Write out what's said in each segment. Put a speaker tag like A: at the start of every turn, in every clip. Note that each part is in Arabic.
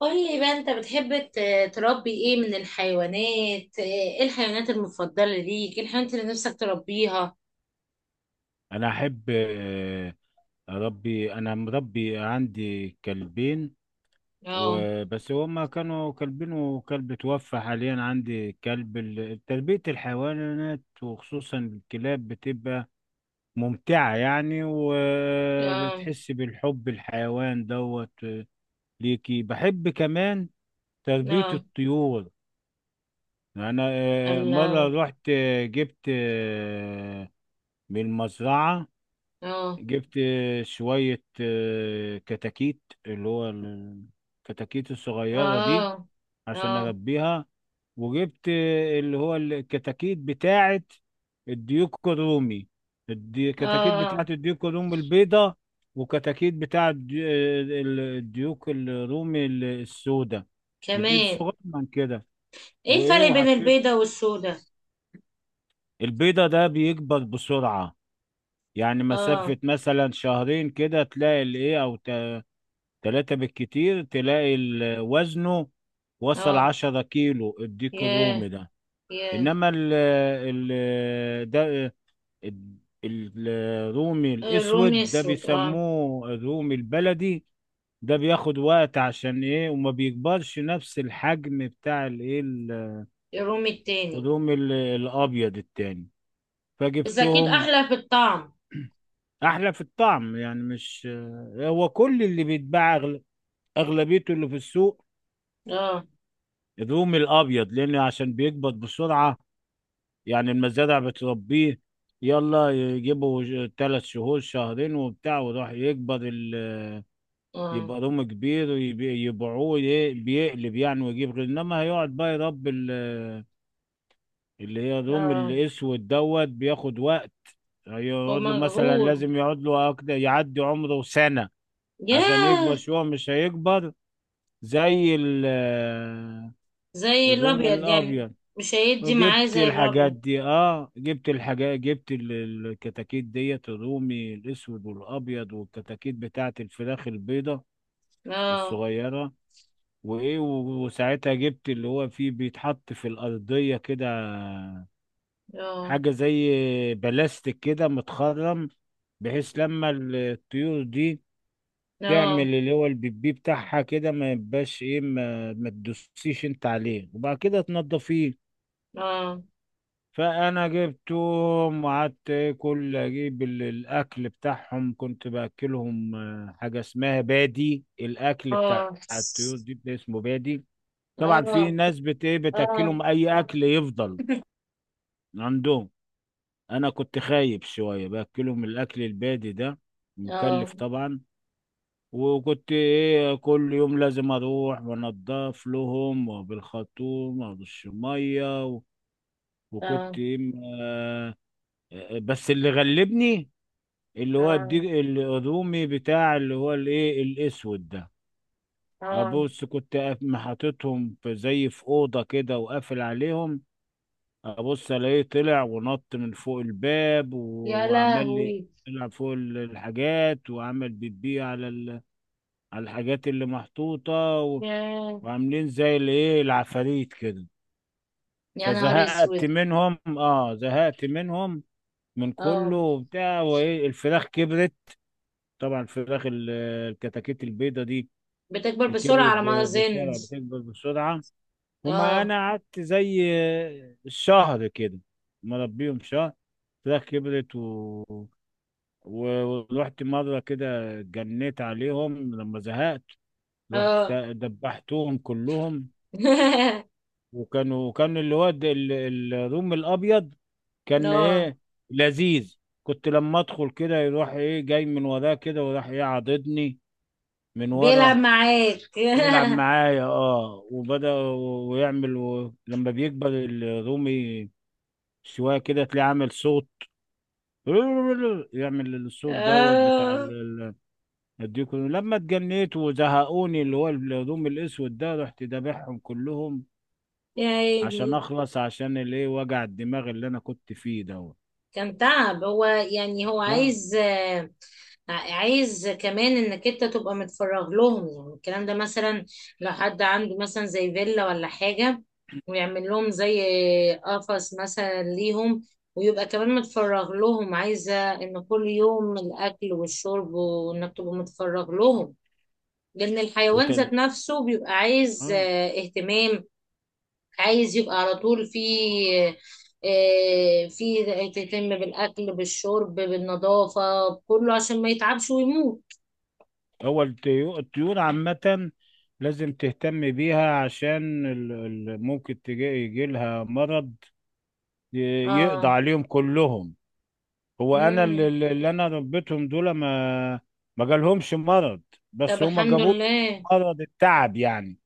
A: قولي بقى انت بتحب تربي ايه من الحيوانات؟ ايه الحيوانات المفضلة ليك؟ ايه الحيوانات اللي نفسك تربيها؟
B: انا احب اربي، انا مربي عندي كلبين
A: اه.
B: وبس. هما كانوا كلبين وكلب توفى، حاليا عندي كلب. تربية الحيوانات وخصوصا الكلاب بتبقى ممتعة يعني،
A: اه.
B: وبتحس بالحب الحيوان دوت ليكي. بحب كمان تربية
A: اه.
B: الطيور. انا مرة
A: الله.
B: رحت جبت من المزرعة،
A: اه.
B: جبت شوية كتاكيت، اللي هو الكتاكيت الصغيرة دي
A: اه.
B: عشان
A: اه.
B: أربيها. وجبت اللي هو الكتاكيت بتاعة الديك الرومي، كتاكيت بتاعة
A: اه.
B: الديك الرومي البيضة، وكتاكيت بتاعة الديوك الرومي السوداء. بتزيد
A: كمان.
B: صغير من كده،
A: ايه
B: وإيه
A: الفرق بين
B: وحطيت
A: البيضة والسوداء؟
B: البيضة ده بيكبر بسرعة. يعني
A: اه.
B: مسافة مثلا شهرين كده تلاقي الإيه، أو 3 بالكتير، تلاقي وزنه وصل
A: اه.
B: 10 كيلو الديك الرومي
A: ياه!
B: ده.
A: ياه!
B: إنما ال ده ال- الرومي
A: الرومي
B: الأسود ده
A: السود، اه.
B: بيسموه الرومي البلدي. ده بياخد وقت عشان إيه، وما بيكبرش نفس الحجم بتاع الإيه
A: الرومي التاني.
B: الرومي الأبيض التاني.
A: بس اكيد
B: فجبتهم.
A: احلى في الطعم.
B: أحلى في الطعم يعني، مش هو كل اللي بيتباع أغلبيته اللي في السوق
A: اه.
B: الرومي الابيض، لان عشان بيكبر بسرعه. يعني المزارع بتربيه، يلا يجيبوا 3 شهور شهرين وبتاع وراح يكبر.
A: اه.
B: يبقى رومي كبير ويبي- يبيعوه بيقلب يعني ويجيب غير. انما هيقعد بقى يربي اللي هي الرومي
A: اه.
B: الاسود دوت، بياخد وقت. هيقعد له مثلا،
A: ومجهول.
B: لازم يقعد له أكتر، يعدي عمره سنه عشان يكبر
A: ياه!
B: شويه، مش هيكبر زي
A: زي
B: الرومي
A: الابيض يعني.
B: الابيض.
A: مش هيدي معاه
B: جبت
A: زي
B: الحاجات
A: الابيض.
B: دي، اه جبت الحاجات، جبت الكتاكيت ديت الرومي الاسود والابيض، والكتاكيت بتاعت الفراخ البيضة
A: اه.
B: الصغيرة. وايه وساعتها جبت اللي هو فيه بيتحط في الارضية كده،
A: اه.
B: حاجة زي بلاستيك كده متخرم، بحيث لما الطيور دي تعمل
A: اه.
B: اللي هو البيبي بتاعها كده، ما يبقاش ايه، ما تدوسيش انت عليه، وبعد كده تنضفيه.
A: اه.
B: فانا جبتهم وقعدت كل اجيب الاكل بتاعهم، كنت باكلهم حاجه اسمها بادي، الاكل
A: اه.
B: بتاع الطيور دي ده اسمه بادي. طبعا في
A: اه.
B: ناس بت ايه
A: اه.
B: بتاكلهم اي اكل يفضل عندهم. انا كنت خايب شويه، باكلهم الاكل البادي ده
A: اه.
B: مكلف طبعا. وكنت ايه، كل يوم لازم اروح وانضف لهم، وبالخرطوم وبالشميه وكنت
A: اه.
B: ايه بس اللي غلبني اللي هو
A: اه.
B: الرومي بتاع اللي هو الايه الاسود ده.
A: اه.
B: ابص، كنت محطتهم في زي في اوضه كده وقافل عليهم. ابص الاقيه طلع ونط من فوق الباب
A: يا
B: وعمل لي،
A: لهوي!
B: طلع فوق الحاجات وعمل بيبي على على الحاجات اللي محطوطه و-
A: يا.
B: وعاملين زي الايه العفاريت كده.
A: يا نهار
B: فزهقت
A: اسود!
B: منهم، اه زهقت منهم من كله
A: اه.
B: وبتاع. وايه الفراخ كبرت، طبعا الفراخ الكتاكيت البيضة دي
A: بتكبر بسرعة
B: كبرت
A: على ما اظن.
B: بسرعة، بتكبر بسرعة. هما
A: اه.
B: أنا قعدت زي شهر كده مربيهم شهر، فراخ كبرت و... و... ورحت مرة كده، جنيت عليهم لما زهقت، رحت
A: اه.
B: دبحتهم كلهم. وكانوا، كان الواد الروم الأبيض كان
A: اه.
B: إيه لذيذ. كنت لما أدخل كده يروح إيه جاي من وراه كده، وراح إيه عاضدني من
A: بيلعب
B: ورا،
A: معاك.
B: يلعب معايا اه. وبدأ. لما بيكبر الرومي شوية كده تلاقيه عامل صوت، يعمل الصوت دوت بتاع
A: اه.
B: الديكور. لما اتجنيت وزهقوني اللي هو الرومي الاسود ده، رحت دابحهم كلهم
A: يا
B: عشان
A: هادي!
B: اخلص، عشان الايه وجع الدماغ اللي انا كنت فيه دوت.
A: كان تعب هو يعني، هو
B: اه.
A: عايز. عايز كمان انك انت تبقى متفرغ لهم، يعني الكلام ده مثلا لو حد عنده مثلا زي فيلا ولا حاجة ويعمل لهم زي قفص مثلا ليهم، ويبقى كمان متفرغ لهم، عايزة ان كل يوم الاكل والشرب وانك تبقى متفرغ لهم، لان الحيوان
B: وت...
A: ذات نفسه بيبقى عايز
B: اه.
A: اهتمام. عايز يبقى على طول في تهتم بالأكل بالشرب بالنظافة بكله عشان ما يتعبش ويموت.
B: هو الطيور عامة لازم تهتم بيها، عشان ممكن تجي يجي لها مرض يقضى
A: اه.
B: عليهم كلهم. هو انا اللي,
A: مم.
B: اللي انا ربيتهم دول، ما جالهمش مرض،
A: طب
B: بس هما
A: الحمد
B: جابوا
A: لله.
B: مرض التعب يعني،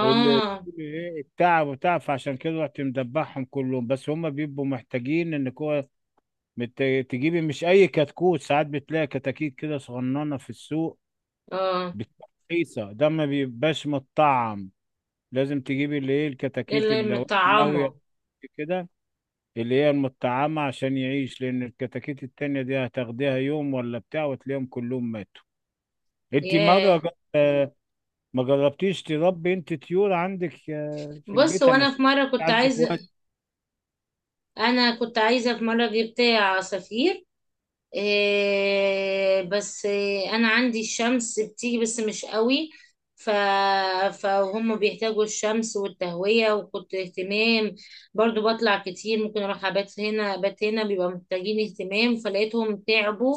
B: اللي ايه التعب وتعب. فعشان كده رحت مدبحهم كلهم. بس هما بيبقوا محتاجين انك هو مت- تجيبي، مش اي كتكوت. ساعات بتلاقي كتاكيت كده صغننه في السوق
A: اه.
B: بتبقى رخيصه، ده ما بيبقاش متطعم. لازم تجيبي اللي ايه الكتاكيت،
A: اللي
B: اللي لو إنت ناويه
A: مطعمة.
B: كده اللي هي المطعمة عشان يعيش، لأن الكتاكيت التانية دي هتاخديها يوم ولا بتاع وتلاقيهم كلهم ماتوا. انت مرة
A: ياه!
B: آه، ما جربتيش تربي انت طيور عندك في
A: بص
B: البيت؟ انا
A: وانا
B: شايف
A: في مرة كنت
B: عندك
A: عايزة
B: وقت.
A: انا كنت عايزة في مرة جبت عصافير. إيه، بس إيه، انا عندي الشمس بتيجي بس مش قوي. ف... فهم بيحتاجوا الشمس والتهوية، وكنت اهتمام برضو، بطلع كتير ممكن اروح ابات هنا ابات هنا، بيبقى محتاجين اهتمام فلقيتهم تعبوا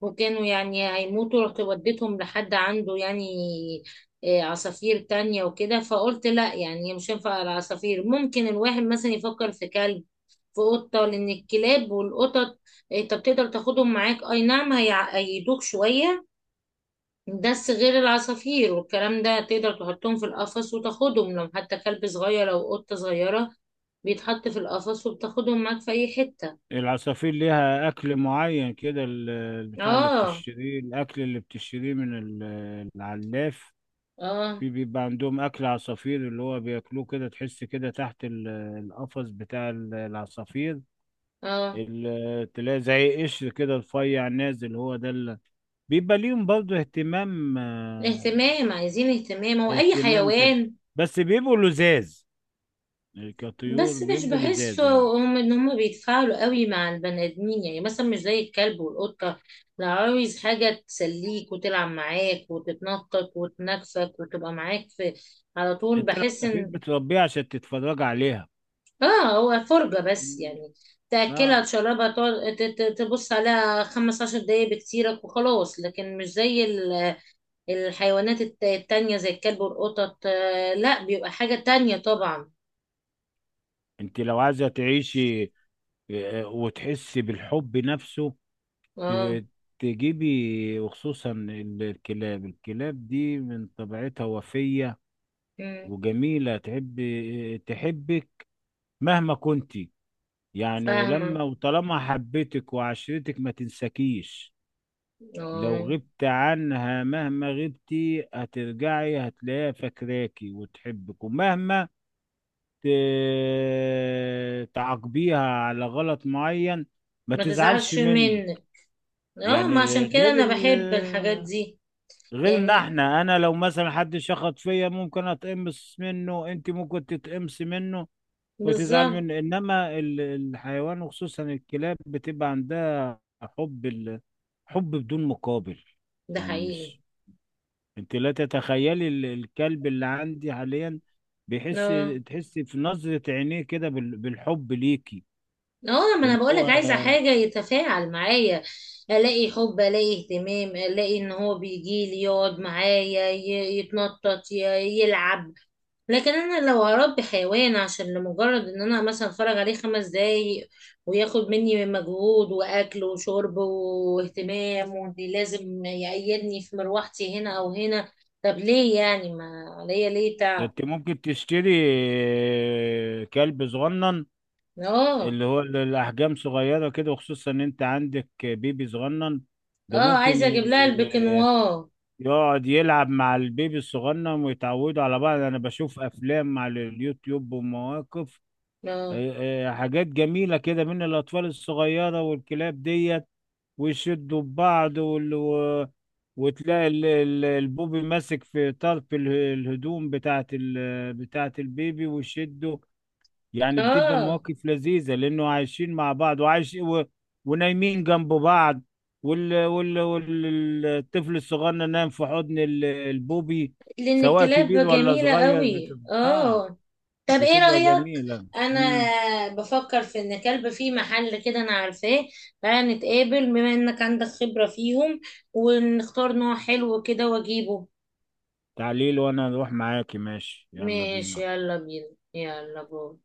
A: وكانوا يعني هيموتوا، رحت وديتهم لحد عنده يعني إيه، عصافير تانية وكده. فقلت لا يعني مش هينفع العصافير. ممكن الواحد مثلا يفكر في كلب في أوضة، لأن الكلاب والقطط، أنت بتقدر تاخدهم معاك، أي نعم هيعيدوك شوية، بس غير العصافير والكلام ده تقدر تحطهم في القفص وتاخدهم، لو حتى كلب صغير أو قطة صغيرة بيتحط في القفص وبتاخدهم معاك في أي حتة.
B: العصافير ليها اكل معين كده، البتاع اللي
A: اه.
B: بتشتريه، الاكل اللي بتشتريه من العلاف،
A: اه.
B: في بيبقى عندهم اكل عصافير اللي هو بياكلوه كده. تحس كده تحت القفص بتاع العصافير
A: اه.
B: تلاقي زي قشر كده رفيع نازل، هو ده اللي بيبقى ليهم برضه اهتمام،
A: اهتمام، عايزين اهتمام، هو أي
B: اهتمام تاني.
A: حيوان.
B: بس بيبقوا لزاز، كطيور
A: بس مش
B: بيبقوا
A: بحسه،
B: لزاز يعني.
A: هم ان هم بيتفاعلوا قوي مع البني ادمين. يعني مثلا مش زي الكلب والقطه لو عاوز حاجه تسليك وتلعب معاك وتتنطط وتنكفك وتبقى معاك في على طول،
B: انت لو
A: بحس
B: سفير
A: ان
B: بتربيها عشان تتفرج عليها.
A: اه هو فرجه بس
B: مم.
A: يعني، تاكلها
B: لا.
A: تشربها تقعد تبص عليها 15 دقايق بكتيرك وخلاص، لكن مش زي الحيوانات التانية زي الكلب والقطط، لا بيبقى حاجه تانية طبعا.
B: انت لو عايزة تعيشي وتحسي بالحب نفسه
A: اه.
B: ت- تجيبي، وخصوصا الكلاب. الكلاب دي من طبيعتها وفية
A: مم،
B: وجميلة، تحب تحبك مهما كنت يعني.
A: فاهمه.
B: ولما وطالما حبتك وعشرتك ما تنساكيش. لو
A: اه،
B: غبت عنها مهما غبتي هترجعي هتلاقيها فاكراكي وتحبك، ومهما تعاقبيها على غلط معين، ما
A: ما
B: تزعلش
A: تزعلش
B: مني.
A: منك. اه،
B: يعني
A: ما عشان كده
B: غير
A: انا
B: ال
A: بحب الحاجات دي
B: غير ان
A: يعني،
B: احنا، انا لو مثلا حد شخط فيا ممكن اتقمص منه، انت ممكن تتقمص منه وتزعل
A: بالظبط،
B: منه. انما الحيوان وخصوصا الكلاب بتبقى عندها حب حب بدون مقابل.
A: ده
B: يعني
A: حقيقي.
B: مش، انت لا تتخيلي الكلب اللي عندي حاليا بيحس،
A: اه.
B: تحسي في نظرة عينيه كده بالحب ليكي
A: اه، ما انا
B: وان هو.
A: بقولك عايزة حاجة يتفاعل معايا، الاقي حب الاقي اهتمام الاقي ان هو بيجي لي يقعد معايا يتنطط يلعب. لكن انا لو هربي حيوان عشان لمجرد ان انا مثلا اتفرج عليه 5 دقايق وياخد مني مجهود واكل وشرب واهتمام وان لازم يقيدني في مروحتي هنا او هنا، طب ليه يعني ما عليا ليه
B: ده
A: تعب.
B: انت ممكن تشتري كلب صغنن
A: اه.
B: اللي هو الاحجام صغيرة كده، وخصوصا ان انت عندك بيبي صغنن ده
A: اه،
B: ممكن
A: عايزه اجيب لها البكنوار.
B: يقعد يلعب مع البيبي الصغنن ويتعودوا على بعض. انا بشوف افلام على اليوتيوب ومواقف
A: اه.
B: آه، حاجات جميلة كده من الاطفال الصغيرة والكلاب ديت، ويشدوا ببعض وال... و- وتلاقي البوبي ماسك في طرف الهدوم بتاعت البيبي ويشده. يعني بتبقى
A: اه،
B: مواقف لذيذة لأنه عايشين مع بعض، وعايش و... ونايمين جنب بعض، الطفل الصغير نايم في حضن البوبي.
A: لان
B: سواء كبير
A: الكلاب
B: ولا
A: جميله
B: صغير
A: قوي.
B: بتبقى آه
A: اه. طب ايه
B: بتبقى
A: رأيك؟
B: جميلة.
A: انا
B: امم
A: بفكر في ان كلب في محل كده انا عارفاه، تعالى نتقابل بما انك عندك خبرة فيهم، ونختار نوع حلو كده واجيبه.
B: تعليل، وأنا أروح معاكي. ماشي يلا
A: ماشي
B: بينا.
A: يلا بينا. يلا باي.